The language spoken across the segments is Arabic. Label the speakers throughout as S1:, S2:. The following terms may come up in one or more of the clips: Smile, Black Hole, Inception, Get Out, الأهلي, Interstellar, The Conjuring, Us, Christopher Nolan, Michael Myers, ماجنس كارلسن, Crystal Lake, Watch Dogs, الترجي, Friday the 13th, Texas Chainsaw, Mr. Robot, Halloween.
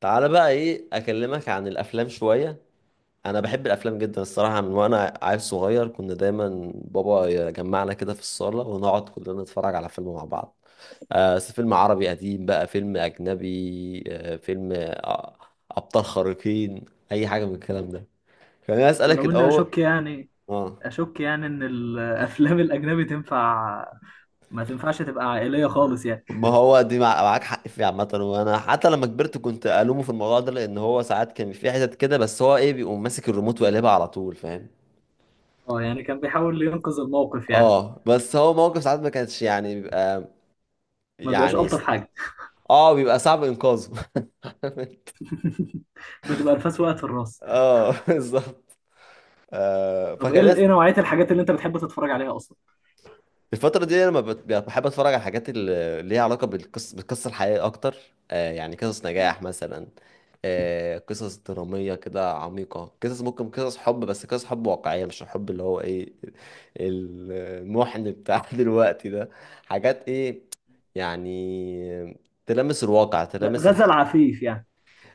S1: تعالى بقى ايه اكلمك عن الافلام شويه. انا بحب الافلام جدا الصراحه، من وانا عيل صغير كنا دايما بابا يجمعنا كده في الصاله ونقعد كلنا نتفرج على فيلم مع بعض. فيلم عربي قديم، بقى فيلم اجنبي، فيلم ابطال خارقين، اي حاجه من الكلام ده. خليني اسالك
S2: ولو اني
S1: الاول.
S2: اشك يعني
S1: اه،
S2: اشك يعني ان الافلام الاجنبي تنفع، ما تنفعش تبقى عائليه خالص يعني.
S1: ما هو دي معاك حق فيه عامة، وانا حتى لما كبرت كنت الومه في الموضوع ده، لان هو ساعات كان في حتت كده، بس هو ايه، بيقوم ماسك الريموت وقلبها على طول، فاهم.
S2: اه، يعني كان بيحاول ينقذ الموقف يعني،
S1: اه بس هو موقف ساعات ما كانش يعني بيبقى
S2: ما بيبقاش
S1: يعني
S2: الطف
S1: س-
S2: حاجه،
S1: اه بيبقى صعب انقاذه.
S2: بتبقى الفاس وقعت في الراس.
S1: اه بالظبط.
S2: طب ايه
S1: فخلاص.
S2: ايه نوعيه الحاجات اللي انت بتحب تتفرج عليها اصلا؟
S1: الفترة دي لما بحب اتفرج على الحاجات اللي ليها علاقة بالقصة، بالقصة الحقيقية اكتر. يعني قصص
S2: مم.
S1: نجاح مثلا، قصص درامية كده عميقة، قصص ممكن قصص حب، بس قصص حب واقعية، مش الحب اللي هو ايه، المحن بتاع دلوقتي ده. حاجات ايه، يعني تلامس الواقع، تلامس
S2: غزل
S1: الحقيقة.
S2: عفيف يعني.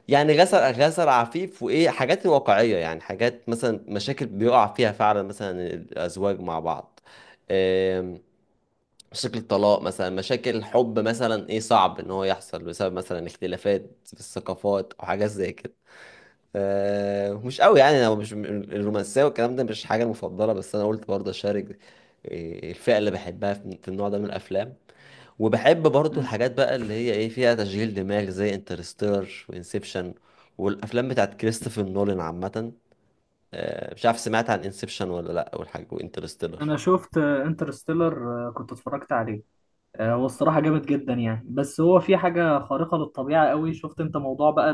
S1: يعني غسل عفيف، وايه حاجات واقعيه، يعني حاجات مثلا مشاكل بيقع فيها فعلا مثلا الازواج مع بعض. آم، مشاكل الطلاق مثلا، مشاكل الحب مثلا، ايه صعب ان هو يحصل بسبب مثلا اختلافات في الثقافات او حاجات زي كده. مش قوي يعني، انا مش الرومانسيه والكلام ده مش حاجه المفضله، بس انا قلت برضه اشارك الفئه اللي بحبها في النوع ده من الافلام. وبحب برضو
S2: مم.
S1: الحاجات بقى اللي هي ايه، فيها تشغيل دماغ، زي انترستيلر وانسبشن والافلام بتاعت كريستوفر نولان عامه. مش عارف سمعت عن انسبشن ولا لا والحاجه وانترستيلر.
S2: انا شفت انترستيلر، كنت اتفرجت عليه. هو الصراحه جامد جدا يعني، بس هو في حاجه خارقه للطبيعه قوي. شفت انت موضوع بقى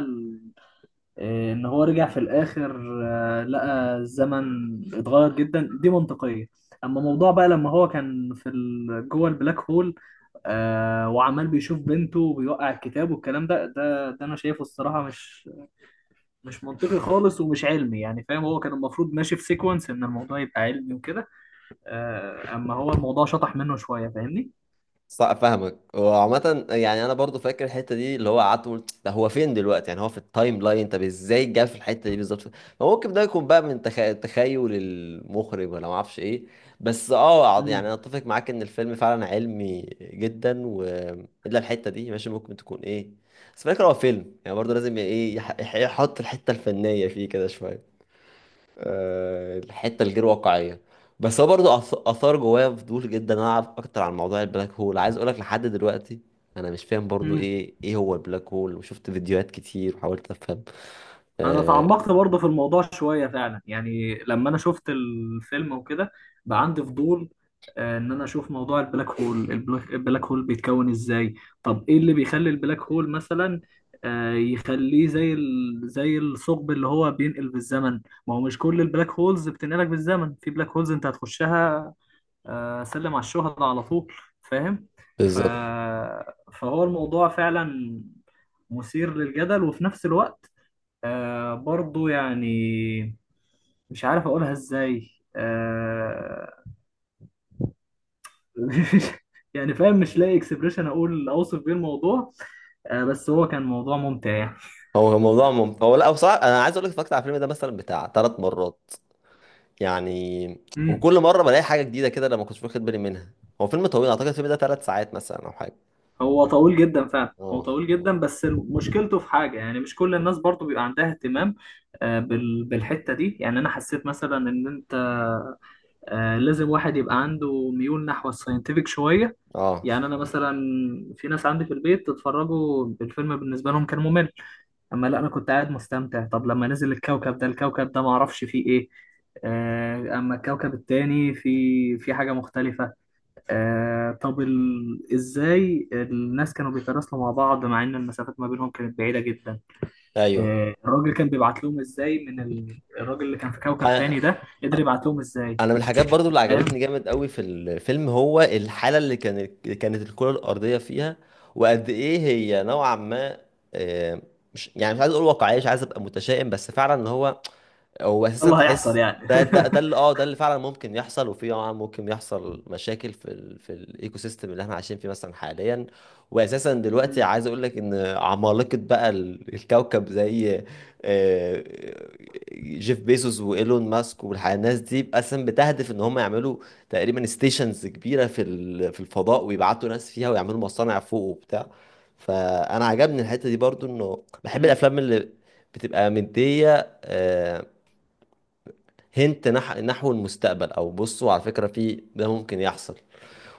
S2: إيه، ان هو رجع في الاخر؟ لقى الزمن اتغير جدا، دي منطقية. اما موضوع بقى لما هو كان في جوه البلاك هول، وعمال بيشوف بنته وبيوقع الكتاب والكلام ده، ده انا شايفه الصراحة مش منطقي خالص ومش علمي يعني، فاهم. هو كان المفروض ماشي في سيكونس، ان الموضوع يبقى علمي وكده. اما هو الموضوع شطح منه شوية، فاهمني؟
S1: صح، فاهمك. وعامة يعني انا برضو فاكر الحتة دي اللي هو قعدت قلت ده، هو فين دلوقتي، يعني هو في التايم لاين، طب ازاي جه في الحتة دي بالظبط. فممكن ده يكون بقى تخيل المخرج ولا ما اعرفش ايه. يعني انا اتفق معاك ان الفيلم فعلا علمي جدا، و الا الحتة دي ماشي ممكن تكون ايه. بس فاكر هو فيلم يعني برضو لازم ايه يحط الحتة الفنية فيه كده شوية. الحته الغير واقعيه. بس هو برضه اثار جوايا فضول جدا إن انا اعرف اكتر عن موضوع البلاك هول، عايز اقولك لحد دلوقتي انا مش فاهم برضه
S2: مم.
S1: ايه، ايه هو البلاك هول. وشفت فيديوهات كتير وحاولت افهم.
S2: انا
S1: آه
S2: تعمقت برضه في الموضوع شويه فعلا، يعني لما انا شفت الفيلم وكده بقى عندي فضول. ان انا اشوف موضوع البلاك هول، البلاك هول بيتكون ازاي. طب ايه اللي بيخلي البلاك هول مثلا، يخليه زي زي الثقب اللي هو بينقل بالزمن؟ ما هو مش كل البلاك هولز بتنقلك بالزمن، في بلاك هولز انت هتخشها سلم على الشهداء على طول، فاهم. ف...
S1: بالظبط.
S2: فهو الموضوع فعلا مثير للجدل، وفي نفس الوقت برضو، يعني مش عارف اقولها ازاي. آه يعني فاهم، مش لاقي اكسبريشن اقول اوصف بيه الموضوع. بس هو كان موضوع ممتع يعني.
S1: هو لا بصراحه انا عايز اقولك اتفرجت على الفيلم ده مثلا بتاع ثلاث مرات يعني،
S2: امم
S1: وكل مره بلاقي حاجه جديده كده انا ما كنتش واخد بالي منها. هو فيلم طويل، اعتقد الفيلم ده ثلاث ساعات مثلا او حاجه.
S2: هو طويل جدا فعلا، هو
S1: اه
S2: طويل
S1: اه
S2: جدا، بس مشكلته في حاجة يعني مش كل الناس برضو بيبقى عندها اهتمام بالحتة دي. يعني أنا حسيت مثلا إن أنت لازم واحد يبقى عنده ميول نحو الساينتفك شوية.
S1: اه،
S2: يعني أنا مثلا، في ناس عندي في البيت اتفرجوا الفيلم بالنسبة لهم كان ممل، أما لا، أنا كنت قاعد مستمتع. طب لما نزل الكوكب ده الكوكب ده معرفش فيه إيه، أما الكوكب التاني في حاجة مختلفة. طب إزاي الناس كانوا بيتراسلوا مع بعض، مع إن المسافات ما بينهم كانت بعيدة جدا؟
S1: ايوه.
S2: الراجل كان بيبعت لهم إزاي؟ الراجل اللي كان في كوكب
S1: أنا-
S2: تاني ده قدر يبعت لهم إزاي؟
S1: انا من الحاجات برضو اللي عجبتني جامد قوي في الفيلم هو الحاله اللي كانت، اللي كانت الكره الارضيه فيها، وقد ايه هي نوعا ما. آه، مش يعني مش عايز اقول واقعيه، مش عايز ابقى متشائم، بس فعلا ان هو، هو اساسا
S2: الله، هيحصل
S1: تحس
S2: يعني.
S1: ده ده اللي اه، ده اللي فعلا ممكن يحصل. وفي طبعا ممكن يحصل مشاكل في الايكو سيستم اللي احنا عايشين فيه مثلا حاليا. واساسا دلوقتي
S2: مم.
S1: عايز اقول لك ان عمالقه بقى الكوكب زي آه، جيف بيزوس وايلون ماسك والناس دي، اساسا بتهدف ان هم يعملوا تقريبا ستيشنز كبيره في الفضاء، ويبعتوا ناس فيها، ويعملوا مصانع فوق وبتاع. فانا عجبني الحته دي برضو، انه بحب
S2: مم.
S1: الافلام اللي بتبقى مديه نحو المستقبل، او بصوا على فكرة في ده ممكن يحصل.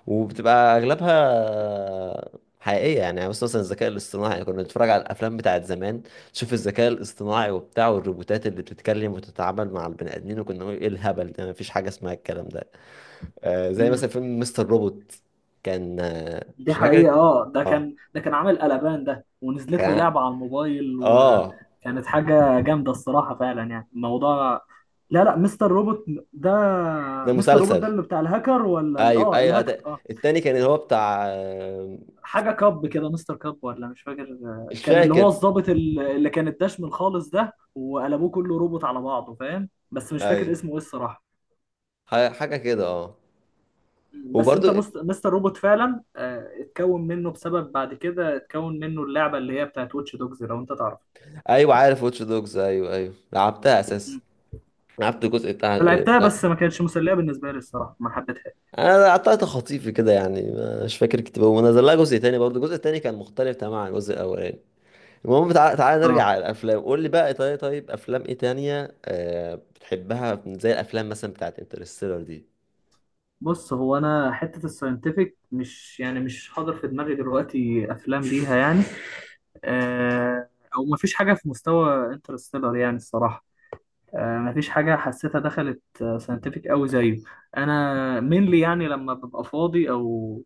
S1: وبتبقى اغلبها حقيقية يعني، يعني بس مثلا الذكاء الاصطناعي، يعني كنا بنتفرج على الافلام بتاعت زمان، تشوف الذكاء الاصطناعي وبتاع والروبوتات اللي بتتكلم وتتعامل مع البني ادمين، وكنا نقول ايه الهبل ده، مفيش حاجة اسمها الكلام ده. آه زي مثلا
S2: مم.
S1: فيلم مستر روبوت. كان مش
S2: دي
S1: فاكر.
S2: حقيقة. اه، ده
S1: اه
S2: كان ده كان عامل قلبان ده، ونزلت له
S1: كان
S2: لعبة على الموبايل
S1: اه آه.
S2: وكانت حاجة جامدة الصراحة، فعلا يعني الموضوع. لا، لا، مستر روبوت ده.
S1: ده
S2: مستر روبوت
S1: مسلسل.
S2: ده اللي بتاع الهاكر، ولا
S1: ايوه ايوه
S2: الهاكر،
S1: أت- التاني كان اللي هو بتاع
S2: حاجة كاب كده، مستر كاب ولا مش فاكر.
S1: مش
S2: كان اللي هو
S1: فاكر.
S2: الضابط اللي كان الدشم الخالص ده وقلبوه كله روبوت على بعضه، فاهم، بس مش فاكر
S1: ايوه
S2: اسمه ايه الصراحة.
S1: حاجة كده اه.
S2: بس
S1: وبرضو
S2: انت مستر روبوت فعلا. اتكون منه بسبب، بعد كده اتكون منه اللعبه اللي هي بتاعت واتش دوجز، لو انت تعرف.
S1: ايوه عارف واتش دوجز، ايوه ايوه لعبتها اساسا،
S2: مم.
S1: لعبت الجزء بتاع،
S2: انا لعبتها
S1: بتاع،
S2: بس ما كانتش مسليه بالنسبه لي الصراحه، ما حبيتهاش.
S1: انا قطعت خطيفي كده يعني، مش فاكر كتير. ونزل لها جزء تاني برضو، الجزء التاني كان مختلف تماما عن الجزء الاولاني. المهم، تعال نرجع
S2: اه،
S1: على الافلام، قول لي بقى، طيب طيب طيب، افلام ايه تانية بتحبها، زي الافلام مثلا بتاعت انترستيلر دي.
S2: بص هو انا حته الساينتفك مش حاضر في دماغي دلوقتي افلام ليها يعني، آه او ما فيش حاجه في مستوى انترستيلر يعني الصراحه. مفيش حاجة حسيتها دخلت ساينتفك أوي زيه. أنا mainly يعني لما ببقى فاضي أو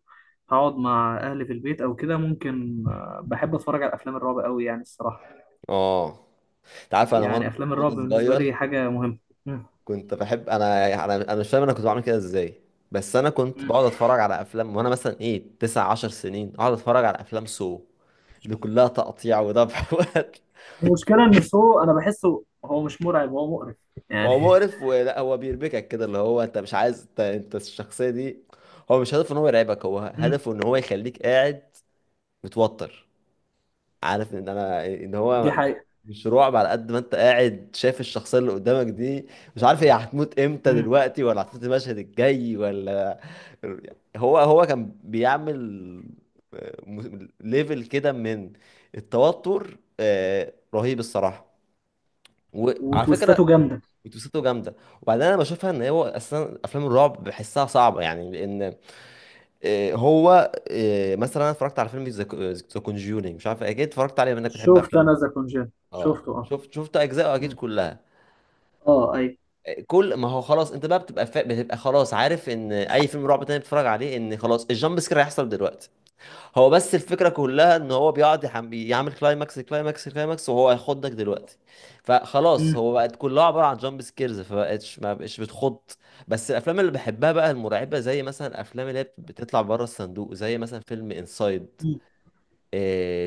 S2: هقعد مع أهلي في البيت أو كده ممكن، بحب أتفرج على أفلام الرعب أوي يعني الصراحة.
S1: اه انت عارف، انا وانا
S2: يعني أفلام الرعب
S1: وانا
S2: بالنسبة لي
S1: صغير
S2: حاجة مهمة. مم.
S1: كنت بحب، انا مش فاهم انا كنت بعمل كده ازاي، بس انا كنت
S2: مم.
S1: بقعد اتفرج على افلام وانا مثلا ايه تسع عشر سنين، اقعد اتفرج على افلام سو اللي كلها تقطيع وذبح وقتل.
S2: المشكلة إن سو أنا بحسه هو مش مرعب، هو مقرف يعني.
S1: هو مقرف، ولا هو بيربكك كده اللي هو انت مش عايز انت، انت الشخصيه دي. هو مش هدفه ان هو يرعبك، هو
S2: مم.
S1: هدفه ان هو يخليك قاعد متوتر، عارف ان انا ان
S2: دي
S1: هو
S2: حقيقة.
S1: مش رعب على قد ما انت قاعد شايف الشخصيه اللي قدامك دي، مش عارف هي هتموت امتى،
S2: مم.
S1: دلوقتي ولا هتموت المشهد الجاي ولا. هو هو كان بيعمل ليفل كده من التوتر رهيب الصراحه. وعلى فكره
S2: وتويستاته جامدة.
S1: بتوسته جامده. وبعدين انا بشوفها ان هو اصلا افلام الرعب بحسها صعبه يعني، لان آه، هو آه، مثلا انا اتفرجت على فيلم ذا كونجورينج، مش عارف اكيد اتفرجت عليه، منك بتحب
S2: شفت
S1: افلام.
S2: أنا ذا كونجين،
S1: اه
S2: شفته أه.
S1: شفت اجزاء اكيد
S2: مم.
S1: كلها.
S2: أه. أي.
S1: كل ما هو خلاص انت بقى بتبقى خلاص عارف ان اي فيلم رعب تاني بتتفرج عليه ان خلاص الجامب سكير هيحصل دلوقتي. هو بس الفكره كلها ان هو بيقعد يعمل كلايماكس كلايماكس كلايماكس، وهو هيخضك دلوقتي. فخلاص
S2: مم.
S1: هو بقت كلها عباره عن جامب سكيرز، فبقتش ما بقتش بتخض. بس الافلام اللي بحبها بقى المرعبه، زي مثلا الافلام اللي هي بتطلع بره الصندوق، زي مثلا فيلم انسايد
S2: مم.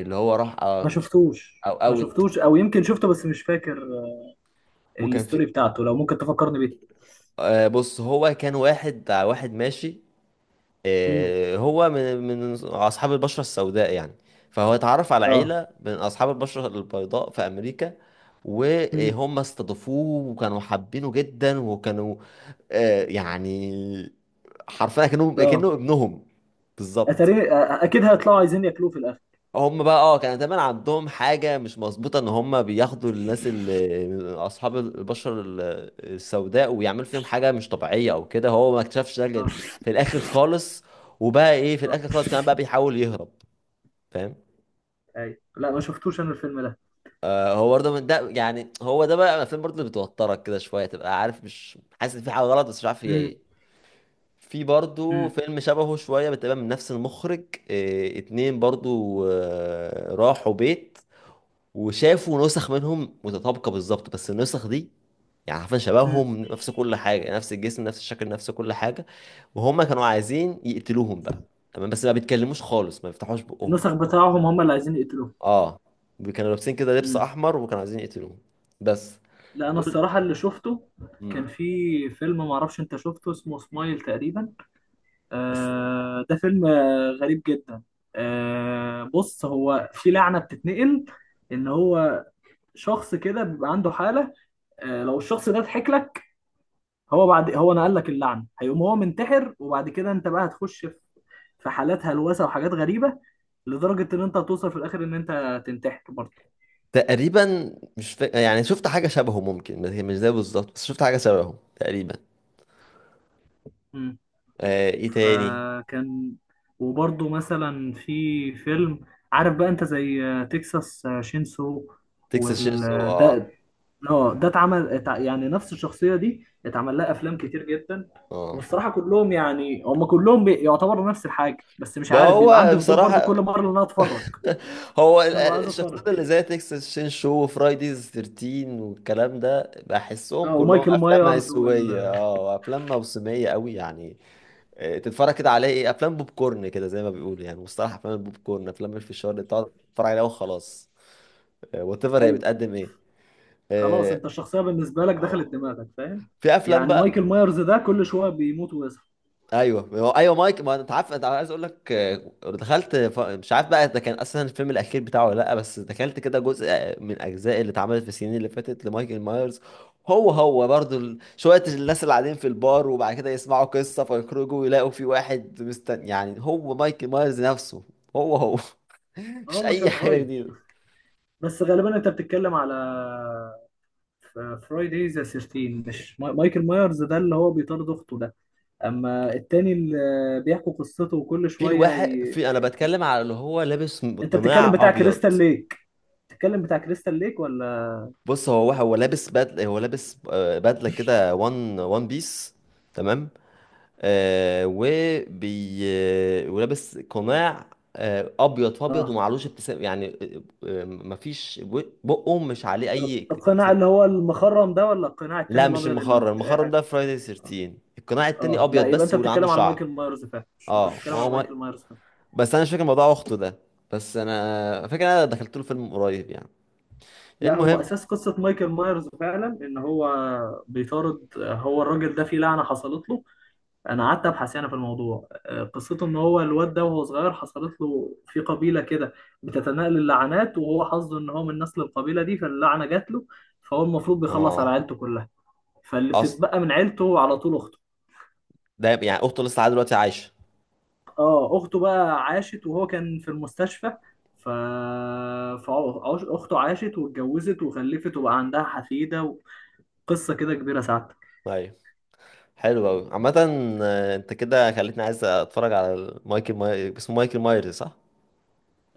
S1: اللي هو راح
S2: ما
S1: مش،
S2: شفتوش،
S1: او
S2: ما
S1: اوت.
S2: شفتوش، أو يمكن شفته بس مش فاكر
S1: وكان في
S2: الستوري بتاعته، لو ممكن تفكرني بيه.
S1: بص هو كان واحد ماشي،
S2: مم.
S1: هو من اصحاب البشره السوداء يعني، فهو اتعرف على
S2: اه.
S1: عيله من اصحاب البشره البيضاء في امريكا،
S2: مم.
S1: وهم استضافوه وكانوا حابينه جدا، وكانوا يعني حرفيا كانوا كانه
S2: اه،
S1: ابنهم. بالظبط.
S2: اتاري اكيد هيطلعوا عايزين ياكلوه في الاخر.
S1: هم بقى اه كان دايما عندهم حاجة مش مظبوطة، ان هم بياخدوا الناس اللي اصحاب البشرة السوداء، ويعملوا فيهم حاجة مش طبيعية او كده. هو ما اكتشفش ده غير
S2: اه.
S1: في الاخر خالص، وبقى ايه في
S2: اه.
S1: الاخر خالص كمان بقى بيحاول يهرب، فاهم.
S2: ايوه. لا، ما شفتوش انا الفيلم ده.
S1: آه هو برضه من ده يعني، هو ده بقى الافلام برضه اللي بتوترك كده شوية، تبقى عارف مش حاسس ان في حاجة غلط بس مش عارف هي
S2: مم.
S1: ايه. في برضه
S2: مم.
S1: فيلم شبهه شوية، بتبقى من نفس المخرج. آه اتنين برضه، آه راحوا بيت وشافوا نسخ منهم متطابقة بالظبط، بس النسخ دي يعني عارفين
S2: مم.
S1: شبههم، نفس كل حاجة، نفس الجسم، نفس الشكل، نفس كل حاجة، وهم كانوا عايزين يقتلوهم بقى. تمام بس ما بيتكلموش خالص، ما بيفتحوش بقهم.
S2: النسخ بتاعهم هم اللي عايزين يقتلوه.
S1: اه، كانوا لابسين كده لبس
S2: امم.
S1: احمر، وكانوا عايزين يقتلوهم. بس
S2: لا، انا
S1: دول
S2: الصراحه اللي شفته
S1: مم.
S2: كان في فيلم، ما اعرفش انت شفته، اسمه سمايل تقريبا.
S1: بس
S2: ده فيلم غريب جدا. بص، هو في لعنه بتتنقل، ان هو شخص كده بيبقى عنده حاله. لو الشخص ده ضحك لك، هو بعد هو نقل لك اللعنه، هيقوم هو منتحر، وبعد كده انت بقى هتخش في حالات هلوسه وحاجات غريبه، لدرجه ان انت هتوصل في الاخر ان انت تنتحر برضه.
S1: تقريبا مش فا... يعني شفت حاجة شبهه ممكن، بس هي مش زي بالظبط، بس شفت حاجة شبهه تقريبا.
S2: مم.
S1: آه ايه تاني.
S2: فكان، وبرضه مثلا في فيلم، عارف بقى انت زي تكساس شينسو
S1: تكساس شيرسو
S2: وال
S1: اه
S2: ده. اه، ده اتعمل، يعني نفس الشخصيه دي اتعمل لها افلام كتير جدا.
S1: اه.
S2: والصراحه كلهم يعني هم كلهم يعتبروا نفس الحاجه، بس مش
S1: ما
S2: عارف، بيبقى
S1: هو
S2: عندي فضول برضه كل
S1: بصراحة
S2: مره ان انا اتفرج،
S1: هو
S2: انا ببقى عايز
S1: الشخصيات
S2: اتفرج.
S1: اللي زي تكساس شين شو وفرايديز 13 والكلام ده، بحسهم
S2: اه،
S1: كلهم
S2: ومايكل
S1: افلام
S2: مايرز
S1: هيسويه اه، افلام موسميه قوي يعني. تتفرج كده عليه، ايه افلام بوب كورن كده زي ما بيقولوا، يعني مصطلح افلام البوب كورن، افلام الفشار اللي بتقعد تتفرج عليها وخلاص، وات ايفر هي
S2: ايوه،
S1: بتقدم ايه.
S2: خلاص
S1: اه
S2: انت الشخصيه بالنسبه لك دخلت
S1: آه.
S2: دماغك، فاهم.
S1: في افلام
S2: يعني مايكل
S1: بقى.
S2: مايرز ده كل شويه بيموت ويصحى.
S1: ايوه هو مايك، ما انت عارف انت عايز اقول لك دخلت مش عارف بقى ده كان اصلا الفيلم الاخير بتاعه ولا لا، بس دخلت كده جزء من اجزاء اللي اتعملت في السنين اللي فاتت لمايكل مايرز. هو هو برضو شويه الناس اللي قاعدين في البار، وبعد كده يسمعوا قصه فيخرجوا ويلاقوا في واحد مستني يعني هو مايكل مايرز نفسه. هو مش
S2: اه، مش
S1: اي حاجه
S2: هيتغير.
S1: جديده.
S2: بس غالبا انت بتتكلم على فرايداي ذا 13، مش مايكل مايرز ده اللي هو بيطارد اخته ده، اما التاني اللي بيحكوا قصته وكل
S1: في
S2: شويه
S1: الواحد في، انا بتكلم على اللي هو لابس
S2: انت بتتكلم
S1: قناع
S2: بتاع
S1: ابيض.
S2: كريستال ليك بتتكلم بتاع كريستال ليك ولا؟
S1: بص هو لابس بدله، هو لابس بدله كده وان وان بيس. تمام. آه وبي آه، ولابس قناع آه ابيض في ابيض،
S2: اه،
S1: ومعلوش ابتسام يعني مفيش بقه مش عليه اي
S2: القناع
S1: اكسب.
S2: اللي هو المخرم ده ولا القناع التاني
S1: لا مش
S2: الابيض اللي ما
S1: المخرم،
S2: فيهوش اي
S1: المخرم
S2: حاجه؟
S1: ده فرايداي 13. القناع التاني
S2: اه، لا،
S1: ابيض
S2: يبقى
S1: بس،
S2: انت
S1: واللي عنده
S2: بتتكلم على
S1: شعر
S2: مايكل مايرز فعلا. انت
S1: اه.
S2: بتتكلم على
S1: وهو ما...
S2: مايكل مايرز فعلا.
S1: بس انا مش فاكر موضوع اخته ده، بس انا فاكر انا دخلت له فيلم قريب يعني.
S2: لا، هو
S1: المهم
S2: اساس قصه مايكل مايرز فعلا ان هو بيطارد، هو الراجل ده في لعنه حصلت له. انا قعدت ابحث يعني في الموضوع، قصته ان هو الواد ده وهو صغير حصلت له في قبيله كده بتتناقل اللعنات، وهو حظه ان هو من نسل القبيله دي، فاللعنه جات له. فهو المفروض بيخلص على
S1: اه
S2: عيلته كلها، فاللي
S1: اصل
S2: بتتبقى من عيلته على طول اخته.
S1: ده يعني، اخته لسه لحد دلوقتي عايشه.
S2: اه، اخته بقى عاشت وهو كان في المستشفى، ف فاخته عاشت واتجوزت وخلفت وبقى عندها حفيده، وقصه كده كبيره سعادتك.
S1: ايوه، حلو قوي عامة. انت كده خليتني عايز اتفرج على اسمه مايكل مايرز صح؟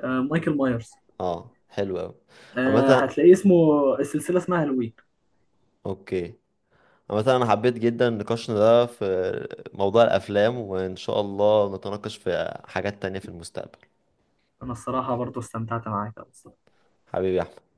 S2: آه، مايكل مايرز.
S1: اه حلو قوي عامة،
S2: هتلاقيه اسمه، السلسله اسمها هالوين.
S1: اوكي. عامة انا حبيت جدا نقاشنا ده في موضوع الافلام، وان شاء الله نتناقش في حاجات تانية في المستقبل.
S2: انا الصراحه برضو استمتعت معاك أوي.
S1: حبيبي يا أحمد.